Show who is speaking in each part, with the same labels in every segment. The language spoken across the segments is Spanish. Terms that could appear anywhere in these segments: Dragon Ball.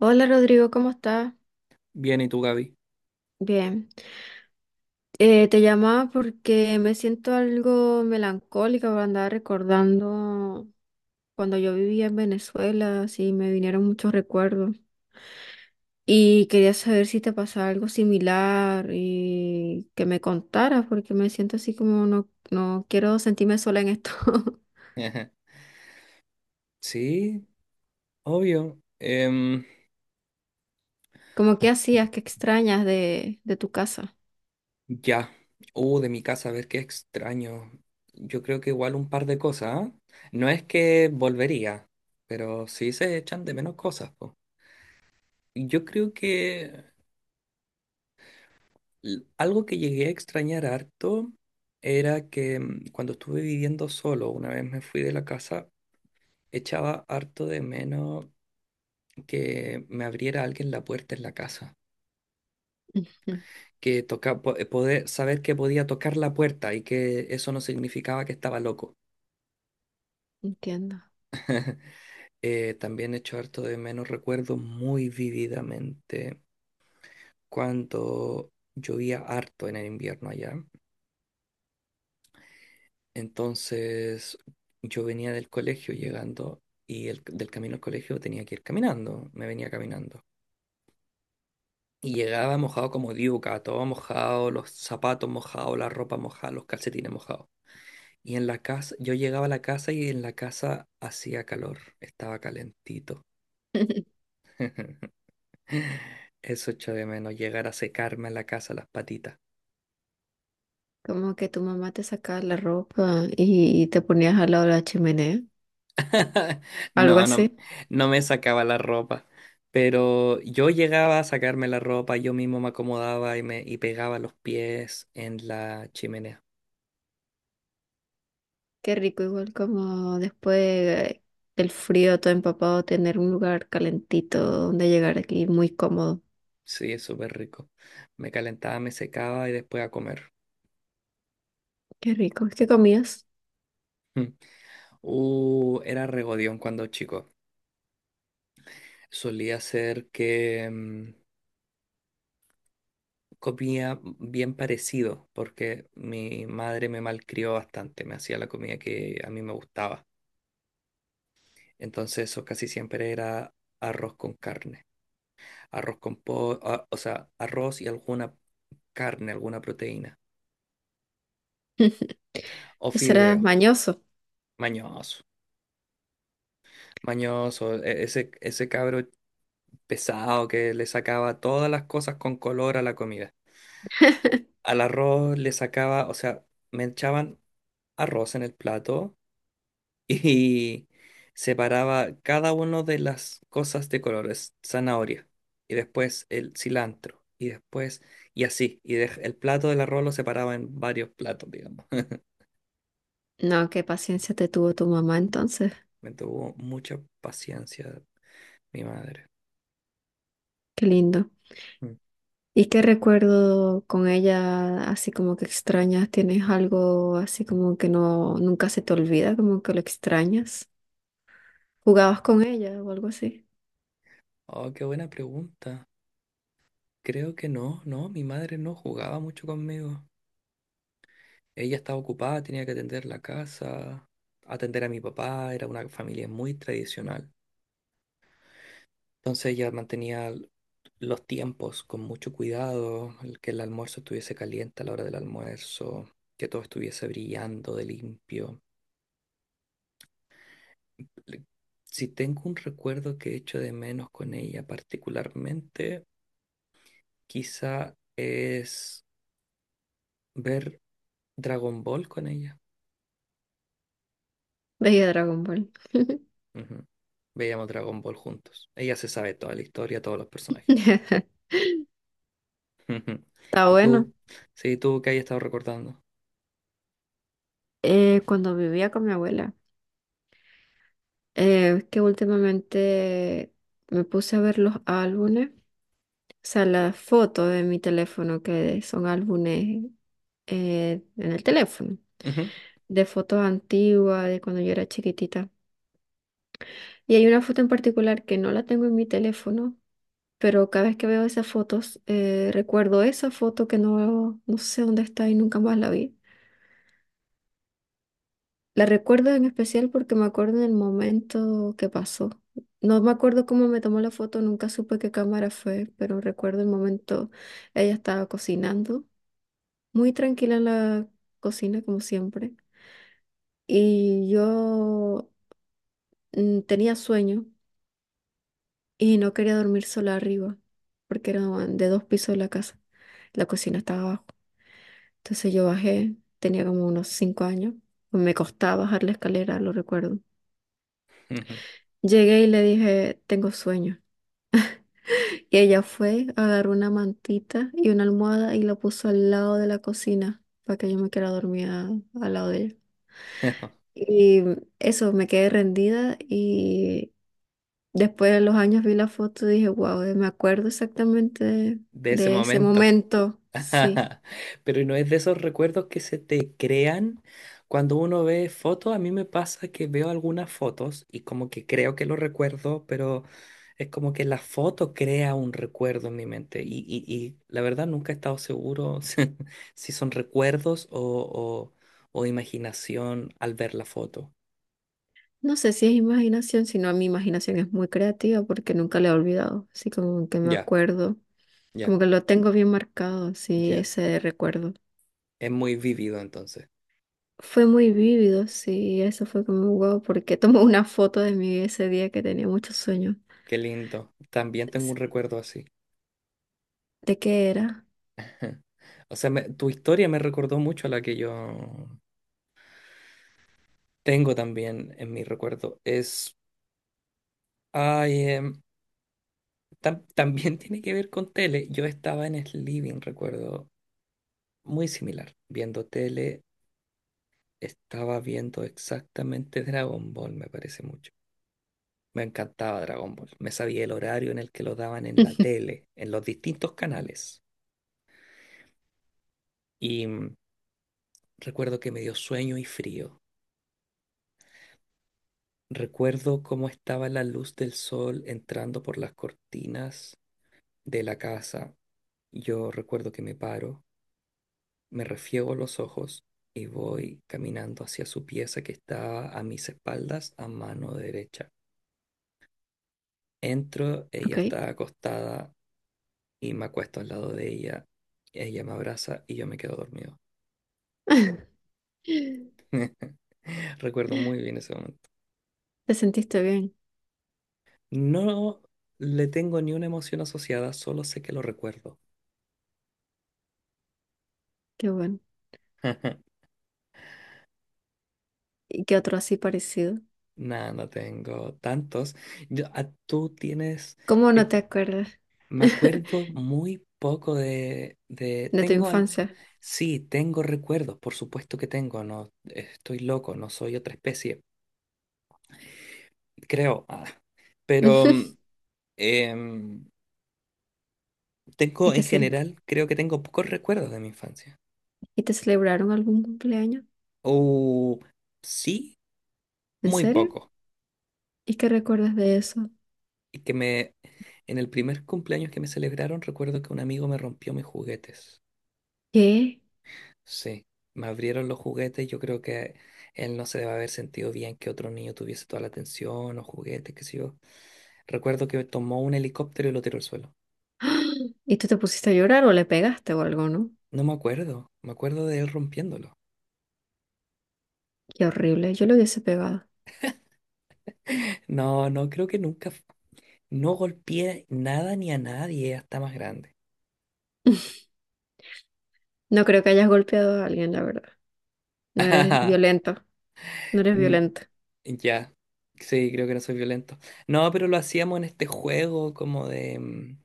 Speaker 1: Hola Rodrigo, ¿cómo estás?
Speaker 2: Bien, ¿y tú, Gaby?
Speaker 1: Bien. Te llamaba porque me siento algo melancólica, porque andaba recordando cuando yo vivía en Venezuela, así me vinieron muchos recuerdos. Y quería saber si te pasaba algo similar y que me contaras, porque me siento así como no, no quiero sentirme sola en esto.
Speaker 2: Ajá. Sí, obvio.
Speaker 1: Como qué hacías, qué extrañas de tu casa.
Speaker 2: Ya. De mi casa, a ver qué extraño. Yo creo que igual un par de cosas, ¿ah? No es que volvería, pero sí se echan de menos cosas, po. Yo creo que algo que llegué a extrañar harto era que cuando estuve viviendo solo, una vez me fui de la casa, echaba harto de menos que me abriera alguien la puerta en la casa.
Speaker 1: Ujú.
Speaker 2: Que toca, poder, saber que podía tocar la puerta y que eso no significaba que estaba loco.
Speaker 1: Entiendo.
Speaker 2: También echo harto de menos, recuerdo muy vividamente cuando llovía harto en el invierno allá. Entonces yo venía del colegio llegando y del camino al colegio tenía que ir caminando, me venía caminando. Y llegaba mojado como diuca, todo mojado, los zapatos mojados, la ropa mojada, los calcetines mojados. Y en la casa, yo llegaba a la casa y en la casa hacía calor, estaba calentito. Eso echo de menos, llegar a secarme en la casa las patitas.
Speaker 1: Como que tu mamá te sacaba la ropa y te ponías al lado de la chimenea, algo
Speaker 2: No, no,
Speaker 1: así.
Speaker 2: no me sacaba la ropa, pero yo llegaba a sacarme la ropa, yo mismo me acomodaba y pegaba los pies en la chimenea.
Speaker 1: Qué rico, igual como después del frío todo empapado, tener un lugar calentito donde llegar aquí muy cómodo.
Speaker 2: Sí, es súper rico. Me calentaba, me secaba y después a comer.
Speaker 1: Qué rico. ¿Qué comías?
Speaker 2: Mm. Era regodión cuando chico. Solía ser que comía bien parecido, porque mi madre me malcrió bastante, me hacía la comida que a mí me gustaba. Entonces eso casi siempre era arroz con carne, arroz con pollo, o sea, arroz y alguna carne, alguna proteína, o
Speaker 1: Eso
Speaker 2: fideo,
Speaker 1: mañoso.
Speaker 2: mañoso, mañoso, ese cabro pesado que le sacaba todas las cosas con color a la comida. Al arroz le sacaba, o sea, me echaban arroz en el plato y separaba cada uno de las cosas de colores, zanahoria, y después el cilantro, y después, y así, y el plato del arroz lo separaba en varios platos, digamos.
Speaker 1: No, qué paciencia te tuvo tu mamá entonces.
Speaker 2: Me tuvo mucha paciencia mi madre.
Speaker 1: Qué lindo.
Speaker 2: Mm.
Speaker 1: ¿Y qué recuerdo con ella así como que extrañas? ¿Tienes algo así como que no nunca se te olvida, como que lo extrañas? ¿Jugabas con ella o algo así?
Speaker 2: Oh, qué buena pregunta. Creo que no, no, mi madre no jugaba mucho conmigo. Ella estaba ocupada, tenía que atender la casa, atender a mi papá, era una familia muy tradicional. Entonces ella mantenía los tiempos con mucho cuidado, el que el almuerzo estuviese caliente a la hora del almuerzo, que todo estuviese brillando de limpio. Le- Si tengo un recuerdo que echo de menos con ella particularmente, quizá es ver Dragon Ball con ella.
Speaker 1: Veía Dragon Ball.
Speaker 2: Ujú. Veíamos Dragon Ball juntos. Ella se sabe toda la historia, todos los personajes. Ujú.
Speaker 1: Está
Speaker 2: ¿Y
Speaker 1: bueno.
Speaker 2: tú? Sí, tú que hayas estado recordando.
Speaker 1: Cuando vivía con mi abuela, es que últimamente me puse a ver los álbumes, o sea, las fotos de mi teléfono, que son álbumes en el teléfono,
Speaker 2: Ujú.
Speaker 1: de fotos antiguas, de cuando yo era chiquitita. Y hay una foto en particular que no la tengo en mi teléfono, pero cada vez que veo esas fotos, recuerdo esa foto que no, no sé dónde está y nunca más la vi. La recuerdo en especial porque me acuerdo en el momento que pasó. No me acuerdo cómo me tomó la foto, nunca supe qué cámara fue, pero recuerdo el momento, ella estaba cocinando, muy tranquila en la cocina como siempre, y yo tenía sueño y no quería dormir sola arriba, porque era de dos pisos de la casa, la cocina estaba abajo. Entonces yo bajé, tenía como unos 5 años, me costaba bajar la escalera, lo recuerdo.
Speaker 2: Ujú.
Speaker 1: Llegué y le dije, tengo sueño. Y ella fue, agarró una mantita y una almohada y la puso al lado de la cocina para que yo me quedara dormida al lado de ella. Y eso, me quedé rendida y después de los años vi la foto y dije, wow, me acuerdo exactamente
Speaker 2: De ese
Speaker 1: de ese
Speaker 2: momento.
Speaker 1: momento. Sí.
Speaker 2: Pero no es de esos recuerdos que se te crean cuando uno ve fotos. A mí me pasa que veo algunas fotos y como que creo que lo recuerdo, pero es como que la foto crea un recuerdo en mi mente. Y la verdad nunca he estado seguro si, si son recuerdos o imaginación al ver la foto.
Speaker 1: No sé si es imaginación, sino mi imaginación es muy creativa porque nunca la he olvidado. Así como que me
Speaker 2: Ya,
Speaker 1: acuerdo,
Speaker 2: ya,
Speaker 1: como que lo tengo bien marcado, sí,
Speaker 2: ya.
Speaker 1: ese recuerdo.
Speaker 2: Es muy vivido entonces.
Speaker 1: Fue muy vívido, sí, eso fue como wow, porque tomé una foto de mí ese día que tenía muchos sueños.
Speaker 2: Qué lindo. También tengo
Speaker 1: S-
Speaker 2: un recuerdo así.
Speaker 1: ¿De qué era?
Speaker 2: O sea, tu historia me recordó mucho a la que yo tengo también en mi recuerdo. Es. Ay, también tiene que ver con tele. Yo estaba en el living, recuerdo, muy similar. Viendo tele, estaba viendo exactamente Dragon Ball, me parece mucho. Me encantaba Dragon Ball. Me sabía el horario en el que lo daban en la tele, en los distintos canales. Y recuerdo que me dio sueño y frío. Recuerdo cómo estaba la luz del sol entrando por las cortinas de la casa. Yo recuerdo que me paro, me refiego los ojos y voy caminando hacia su pieza que está a mis espaldas, a mano derecha. Entro, ella
Speaker 1: Ok.
Speaker 2: está acostada y me acuesto al lado de ella. Ella me abraza y yo me quedo dormido. Recuerdo muy bien ese momento.
Speaker 1: ¿Te sentiste bien?
Speaker 2: No le tengo ni una emoción asociada, solo sé que lo recuerdo.
Speaker 1: Qué bueno. ¿Y qué otro así parecido?
Speaker 2: Nada, no tengo tantos. Tú tienes,
Speaker 1: ¿Cómo no
Speaker 2: te-
Speaker 1: te acuerdas
Speaker 2: me acuerdo muy poco de,
Speaker 1: de tu infancia?
Speaker 2: sí, tengo recuerdos, por supuesto que tengo, no estoy loco, no soy otra especie, creo. Pero em,
Speaker 1: ¿Y
Speaker 2: tengo
Speaker 1: te,
Speaker 2: en general, creo que tengo pocos recuerdos de mi infancia.
Speaker 1: y te celebraron algún cumpleaños?
Speaker 2: O sí,
Speaker 1: ¿En
Speaker 2: muy
Speaker 1: serio?
Speaker 2: pocos.
Speaker 1: ¿Y qué recuerdas de eso?
Speaker 2: Y que me, en el primer cumpleaños que me celebraron, recuerdo que un amigo me rompió mis juguetes.
Speaker 1: ¿Qué?
Speaker 2: Sí, me abrieron los juguetes. Yo creo que él no se debe haber sentido bien que otro niño tuviese toda la atención o juguetes, qué sé yo. Recuerdo que tomó un helicóptero y lo tiró al suelo.
Speaker 1: ¿Y tú te pusiste a llorar o le pegaste o algo, no?
Speaker 2: No me acuerdo, me acuerdo de él rompiéndolo.
Speaker 1: Qué horrible, yo le hubiese pegado.
Speaker 2: No, no, creo que nunca. No golpeé nada ni a nadie hasta más grande.
Speaker 1: No creo que hayas golpeado a alguien, la verdad. No eres violento, no eres
Speaker 2: Mm,
Speaker 1: violento.
Speaker 2: Ya, sí, creo que no soy violento. No, pero lo hacíamos en este juego como de,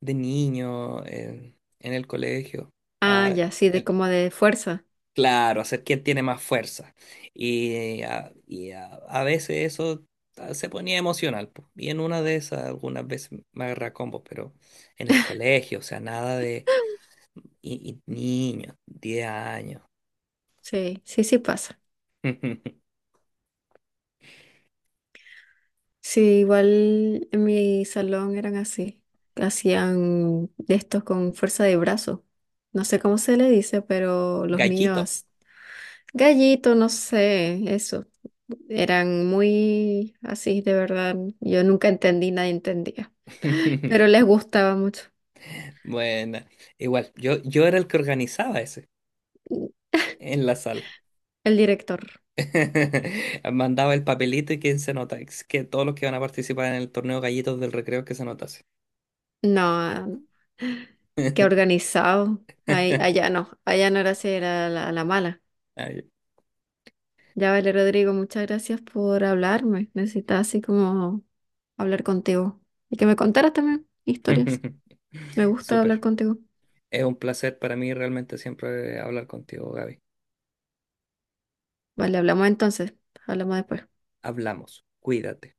Speaker 2: de niño, en el colegio.
Speaker 1: Ah,
Speaker 2: Ah,
Speaker 1: ya, sí, de
Speaker 2: el
Speaker 1: como de fuerza.
Speaker 2: Claro, hacer quién tiene más fuerza. A veces eso se ponía emocional, po. Y en una de esas, algunas veces me agarra a combos, pero en el colegio, o sea, nada de, y niños, 10 años.
Speaker 1: Sí, sí, sí pasa. Sí, igual en mi salón eran así. Hacían de estos con fuerza de brazo. No sé cómo se le dice, pero los
Speaker 2: Gallito.
Speaker 1: niños Gallito, no sé, eso. Eran muy así, de verdad. Yo nunca entendí, nadie entendía. Pero les gustaba mucho.
Speaker 2: Bueno, igual, yo era el que organizaba ese en la sala.
Speaker 1: El director,
Speaker 2: Mandaba el papelito y quién se nota, es que todos los que van a participar en el torneo Gallitos del Recreo que se notase.
Speaker 1: no, que organizado. Allá no, allá no era así, era la mala.
Speaker 2: Ah,
Speaker 1: Ya, vale, Rodrigo, muchas gracias por hablarme. Necesitaba así como hablar contigo. Y que me contaras también historias. Me gusta hablar
Speaker 2: Súper.
Speaker 1: contigo.
Speaker 2: Es un placer para mí realmente siempre hablar contigo, Gaby.
Speaker 1: Vale, hablamos entonces. Hablamos después.
Speaker 2: Hablamos. Cuídate.